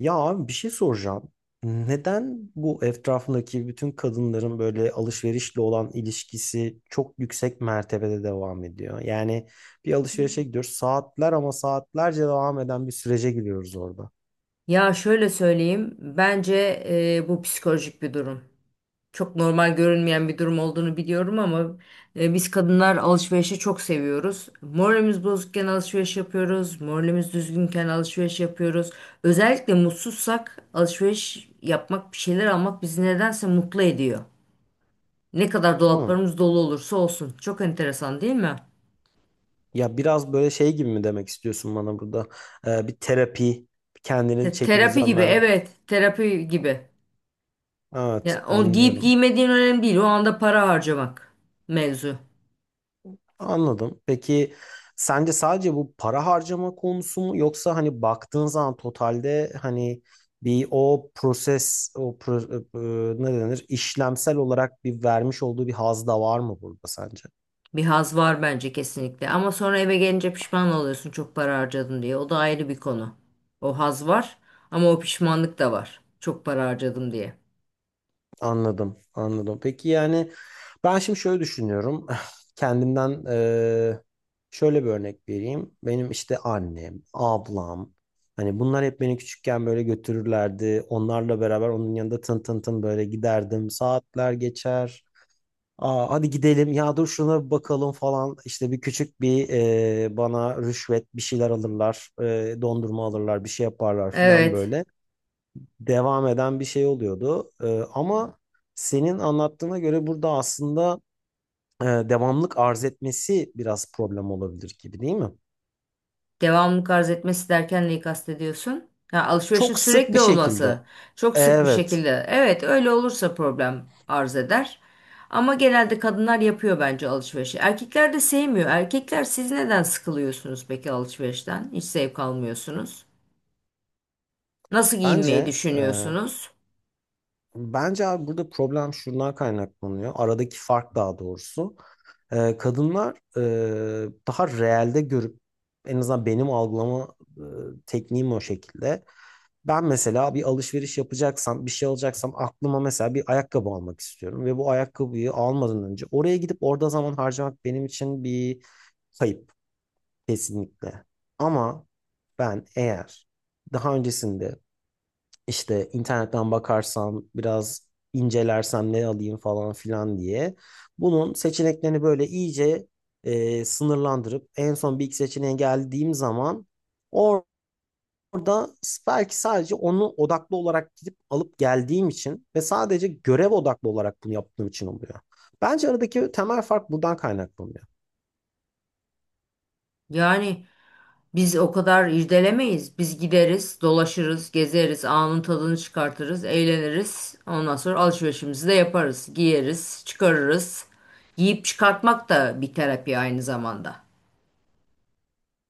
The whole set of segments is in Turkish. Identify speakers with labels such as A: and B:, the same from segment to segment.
A: Ya abi bir şey soracağım. Neden bu etrafındaki bütün kadınların böyle alışverişle olan ilişkisi çok yüksek mertebede devam ediyor? Yani bir alışverişe gidiyoruz saatler ama saatlerce devam eden bir sürece giriyoruz orada.
B: Ya şöyle söyleyeyim, bence bu psikolojik bir durum. Çok normal görünmeyen bir durum olduğunu biliyorum ama biz kadınlar alışverişi çok seviyoruz. Moralimiz bozukken alışveriş yapıyoruz, moralimiz düzgünken alışveriş yapıyoruz. Özellikle mutsuzsak alışveriş yapmak, bir şeyler almak bizi nedense mutlu ediyor. Ne kadar
A: Hmm.
B: dolaplarımız dolu olursa olsun. Çok enteresan değil mi?
A: Ya biraz böyle şey gibi mi demek istiyorsun bana burada? Bir terapi, kendine çeki
B: Terapi
A: düzen
B: gibi,
A: vermek.
B: evet, terapi gibi.
A: Evet,
B: Ya o giyip
A: anlıyorum.
B: giymediğin önemli değil. O anda para harcamak mevzu.
A: Anladım. Peki sence sadece bu para harcama konusu mu yoksa hani baktığın zaman totalde hani bir o proses ne denir işlemsel olarak bir vermiş olduğu bir haz da var mı burada sence?
B: Bir haz var bence kesinlikle. Ama sonra eve gelince pişman oluyorsun çok para harcadım diye. O da ayrı bir konu. O haz var ama o pişmanlık da var. Çok para harcadım diye.
A: Anladım, anladım. Peki yani ben şimdi şöyle düşünüyorum. Kendimden şöyle bir örnek vereyim. Benim işte annem, ablam, hani bunlar hep beni küçükken böyle götürürlerdi. Onlarla beraber onun yanında tın tın tın böyle giderdim. Saatler geçer. Aa, hadi gidelim ya, dur şuna bir bakalım falan. İşte bir küçük bir bana rüşvet bir şeyler alırlar. Dondurma alırlar, bir şey yaparlar falan,
B: Evet.
A: böyle devam eden bir şey oluyordu. Ama senin anlattığına göre burada aslında devamlık arz etmesi biraz problem olabilir gibi, değil mi?
B: Devamlılık arz etmesi derken neyi kastediyorsun? Ha, alışverişin
A: Çok sık bir
B: sürekli olması.
A: şekilde.
B: Çok sık bir
A: Evet.
B: şekilde. Evet, öyle olursa problem arz eder. Ama genelde kadınlar yapıyor bence alışverişi. Erkekler de sevmiyor. Erkekler siz neden sıkılıyorsunuz peki alışverişten? Hiç zevk almıyorsunuz. Nasıl giyinmeyi
A: Bence
B: düşünüyorsunuz?
A: bence abi burada problem şundan kaynaklanıyor. Aradaki fark daha doğrusu. Kadınlar daha realde görüp, en azından benim algılama tekniğim o şekilde. Ben mesela bir alışveriş yapacaksam, bir şey alacaksam aklıma mesela bir ayakkabı almak istiyorum ve bu ayakkabıyı almadan önce oraya gidip orada zaman harcamak benim için bir kayıp kesinlikle. Ama ben eğer daha öncesinde işte internetten bakarsam, biraz incelersem ne alayım falan filan diye bunun seçeneklerini böyle iyice sınırlandırıp en son bir iki seçeneğe geldiğim zaman, orada belki sadece onu odaklı olarak gidip alıp geldiğim için ve sadece görev odaklı olarak bunu yaptığım için oluyor. Bence aradaki temel fark buradan kaynaklanıyor.
B: Yani biz o kadar irdelemeyiz. Biz gideriz, dolaşırız, gezeriz, anın tadını çıkartırız, eğleniriz. Ondan sonra alışverişimizi de yaparız. Giyeriz, çıkarırız. Giyip çıkartmak da bir terapi aynı zamanda.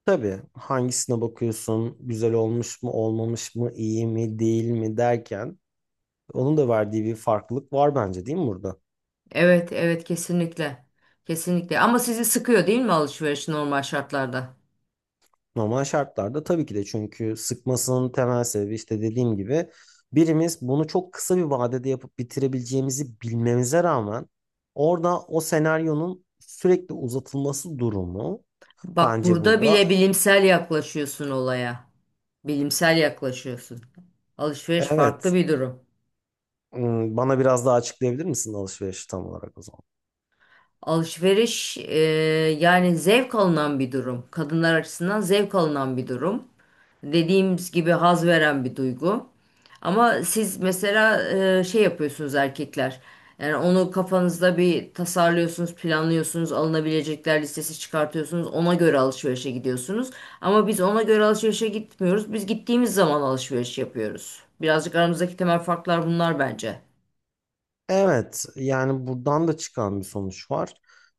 A: Tabii hangisine bakıyorsun, güzel olmuş mu, olmamış mı, iyi mi, değil mi derken onun da verdiği bir farklılık var bence, değil mi burada?
B: Evet, evet kesinlikle. Kesinlikle. Ama sizi sıkıyor değil mi alışveriş normal şartlarda?
A: Normal şartlarda tabii ki de, çünkü sıkmasının temel sebebi işte dediğim gibi birimiz bunu çok kısa bir vadede yapıp bitirebileceğimizi bilmemize rağmen orada o senaryonun sürekli uzatılması durumu
B: Bak
A: bence
B: burada
A: burada.
B: bile bilimsel yaklaşıyorsun olaya. Bilimsel yaklaşıyorsun. Alışveriş farklı
A: Evet.
B: bir durum.
A: Hmm, bana biraz daha açıklayabilir misin alışverişi tam olarak o zaman?
B: Alışveriş yani zevk alınan bir durum. Kadınlar açısından zevk alınan bir durum. Dediğimiz gibi haz veren bir duygu. Ama siz mesela şey yapıyorsunuz erkekler. Yani onu kafanızda bir tasarlıyorsunuz, planlıyorsunuz, alınabilecekler listesi çıkartıyorsunuz. Ona göre alışverişe gidiyorsunuz. Ama biz ona göre alışverişe gitmiyoruz. Biz gittiğimiz zaman alışveriş yapıyoruz. Birazcık aramızdaki temel farklar bunlar bence.
A: Evet, yani buradan da çıkan bir sonuç var.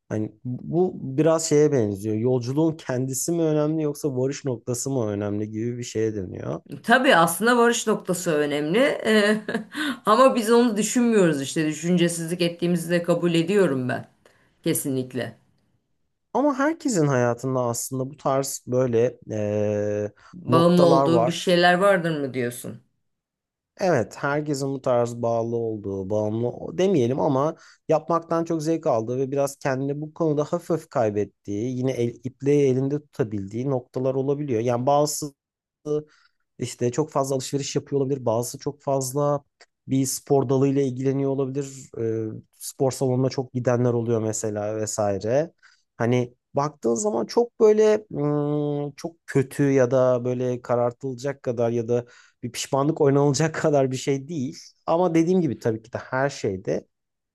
A: Hani bu biraz şeye benziyor. Yolculuğun kendisi mi önemli yoksa varış noktası mı önemli gibi bir şeye dönüyor.
B: Tabii aslında varış noktası önemli. Ama biz onu düşünmüyoruz işte. Düşüncesizlik ettiğimizi de kabul ediyorum ben. Kesinlikle.
A: Ama herkesin hayatında aslında bu tarz böyle
B: Bağımlı
A: noktalar
B: olduğu bir
A: var.
B: şeyler vardır mı diyorsun?
A: Evet, herkesin bu tarz bağlı olduğu, demeyelim ama yapmaktan çok zevk aldığı ve biraz kendini bu konuda hafif hafif kaybettiği, ipliği elinde tutabildiği noktalar olabiliyor. Yani bazısı işte çok fazla alışveriş yapıyor olabilir. Bazısı çok fazla bir spor dalıyla ilgileniyor olabilir. Spor salonuna çok gidenler oluyor mesela vesaire. Hani baktığın zaman çok böyle çok kötü ya da böyle karartılacak kadar ya da bir pişmanlık oynanılacak kadar bir şey değil. Ama dediğim gibi tabii ki de her şeyde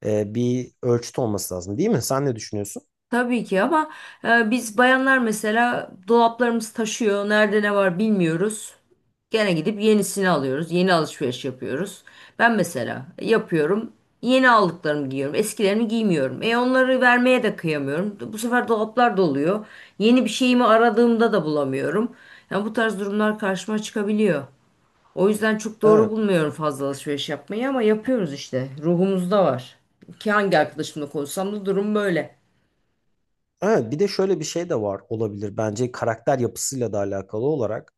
A: bir ölçüt olması lazım, değil mi? Sen ne düşünüyorsun?
B: Tabii ki ama biz bayanlar mesela dolaplarımız taşıyor. Nerede ne var bilmiyoruz. Gene gidip yenisini alıyoruz. Yeni alışveriş yapıyoruz. Ben mesela yapıyorum. Yeni aldıklarımı giyiyorum. Eskilerimi giymiyorum. E onları vermeye de kıyamıyorum. Bu sefer dolaplar doluyor. Yeni bir şeyimi aradığımda da bulamıyorum. Yani bu tarz durumlar karşıma çıkabiliyor. O yüzden çok doğru
A: Evet.
B: bulmuyorum fazla alışveriş yapmayı ama yapıyoruz işte. Ruhumuzda var. Ki hangi arkadaşımla konuşsam da durum böyle.
A: Evet, bir de şöyle bir şey de var olabilir bence, karakter yapısıyla da alakalı olarak.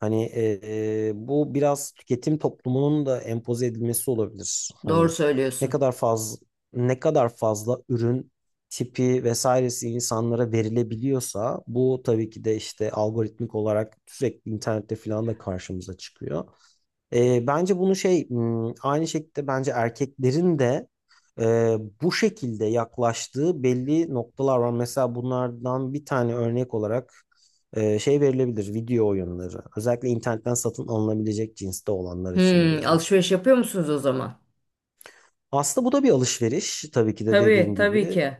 A: Hani bu biraz tüketim toplumunun da empoze edilmesi olabilir.
B: Doğru
A: Hani ne
B: söylüyorsun.
A: kadar fazla, ne kadar fazla ürün tipi vesairesi insanlara verilebiliyorsa bu tabii ki de işte algoritmik olarak sürekli internette falan da karşımıza çıkıyor. Bence bunu aynı şekilde bence erkeklerin de bu şekilde yaklaştığı belli noktalar var. Mesela bunlardan bir tane örnek olarak şey verilebilir, video oyunları. Özellikle internetten satın alınabilecek cinste olanlar için diyorum.
B: Alışveriş yapıyor musunuz o zaman?
A: Aslında bu da bir alışveriş tabii ki de,
B: Tabii,
A: dediğin
B: tabii
A: gibi,
B: ki.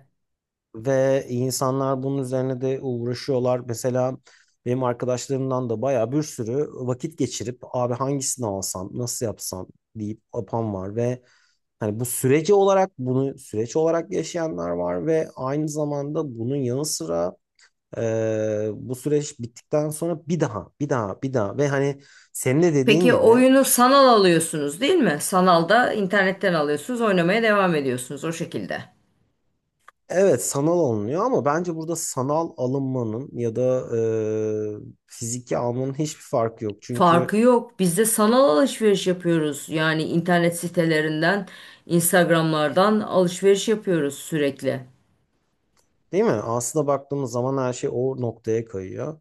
A: ve insanlar bunun üzerine de uğraşıyorlar. Mesela benim arkadaşlarımdan da bayağı bir sürü vakit geçirip abi hangisini alsam, nasıl yapsam deyip apan var ve hani bu süreci olarak bunu süreç olarak yaşayanlar var ve aynı zamanda bunun yanı sıra bu süreç bittikten sonra bir daha bir daha bir daha, ve hani senin de dediğin
B: Peki
A: gibi,
B: oyunu sanal alıyorsunuz değil mi? Sanalda internetten alıyorsunuz, oynamaya devam ediyorsunuz o şekilde.
A: evet sanal alınıyor ama bence burada sanal alınmanın ya da fiziki almanın hiçbir farkı yok. Çünkü,
B: Farkı yok. Biz de sanal alışveriş yapıyoruz. Yani internet sitelerinden, Instagram'lardan alışveriş yapıyoruz sürekli.
A: değil mi? Aslında baktığımız zaman her şey o noktaya kayıyor.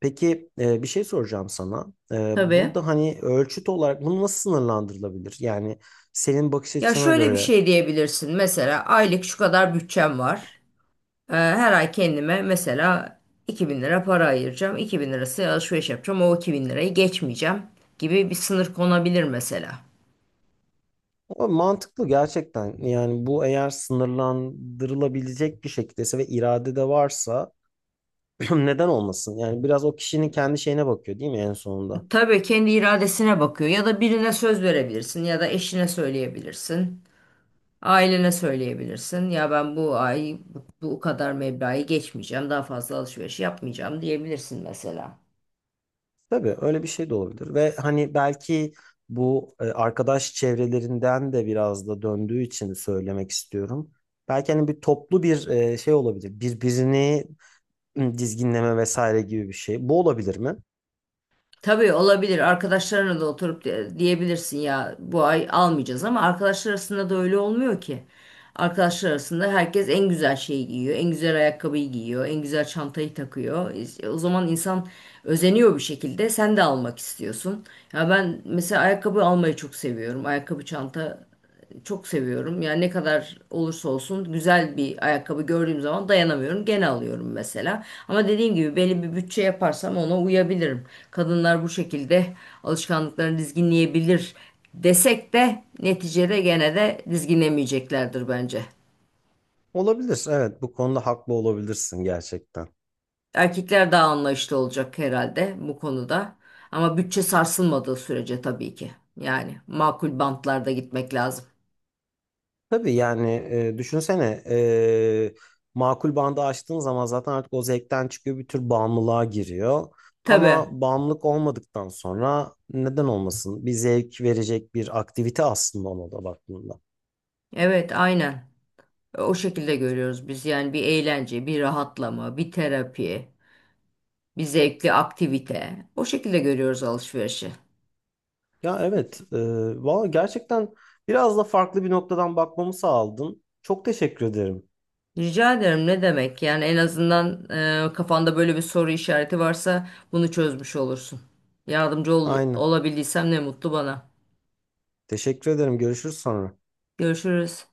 A: Peki bir şey soracağım sana.
B: Tabii.
A: Burada hani ölçüt olarak bunu nasıl sınırlandırılabilir? Yani senin bakış
B: Ya
A: açına
B: şöyle bir
A: göre.
B: şey diyebilirsin. Mesela aylık şu kadar bütçem var. Her ay kendime mesela 2.000 lira para ayıracağım. 2.000 lirası alışveriş yapacağım. O 2.000 lirayı geçmeyeceğim gibi bir sınır konabilir mesela.
A: O mantıklı gerçekten. Yani bu eğer sınırlandırılabilecek bir şekildeyse ve irade de varsa neden olmasın? Yani biraz o kişinin kendi şeyine bakıyor değil mi en sonunda?
B: Tabii kendi iradesine bakıyor. Ya da birine söz verebilirsin ya da eşine söyleyebilirsin. Ailene söyleyebilirsin. Ya ben bu ay bu kadar meblağı geçmeyeceğim. Daha fazla alışveriş yapmayacağım diyebilirsin mesela.
A: Tabii öyle bir şey de olabilir. Ve hani belki bu arkadaş çevrelerinden de biraz da döndüğü için söylemek istiyorum. Belki hani bir toplu bir şey olabilir. Birbirini dizginleme vesaire gibi bir şey. Bu olabilir mi?
B: Tabii olabilir. Arkadaşlarına da oturup diyebilirsin ya bu ay almayacağız ama arkadaşlar arasında da öyle olmuyor ki. Arkadaşlar arasında herkes en güzel şeyi giyiyor, en güzel ayakkabıyı giyiyor, en güzel çantayı takıyor. İşte o zaman insan özeniyor bir şekilde. Sen de almak istiyorsun. Ya ben mesela ayakkabı almayı çok seviyorum. Ayakkabı çanta çok seviyorum. Yani ne kadar olursa olsun güzel bir ayakkabı gördüğüm zaman dayanamıyorum. Gene alıyorum mesela. Ama dediğim gibi belli bir bütçe yaparsam ona uyabilirim. Kadınlar bu şekilde alışkanlıklarını dizginleyebilir desek de neticede gene de dizginlemeyeceklerdir bence.
A: Olabilir. Evet, bu konuda haklı olabilirsin gerçekten.
B: Erkekler daha anlayışlı olacak herhalde bu konuda. Ama bütçe sarsılmadığı sürece tabii ki. Yani makul bantlarda gitmek lazım.
A: Tabii yani düşünsene makul bandı açtığın zaman zaten artık o zevkten çıkıyor, bir tür bağımlılığa giriyor.
B: Tabii.
A: Ama bağımlılık olmadıktan sonra neden olmasın? Bir zevk verecek bir aktivite aslında ona da baktığında.
B: Evet, aynen. O şekilde görüyoruz biz yani bir eğlence, bir rahatlama, bir terapi, bir zevkli aktivite. O şekilde görüyoruz alışverişi.
A: Ya evet, valla gerçekten biraz da farklı bir noktadan bakmamı sağladın. Çok teşekkür ederim.
B: Rica ederim ne demek? Yani en azından kafanda böyle bir soru işareti varsa bunu çözmüş olursun. Yardımcı
A: Aynen.
B: olabildiysem ne mutlu bana.
A: Teşekkür ederim. Görüşürüz sonra.
B: Görüşürüz.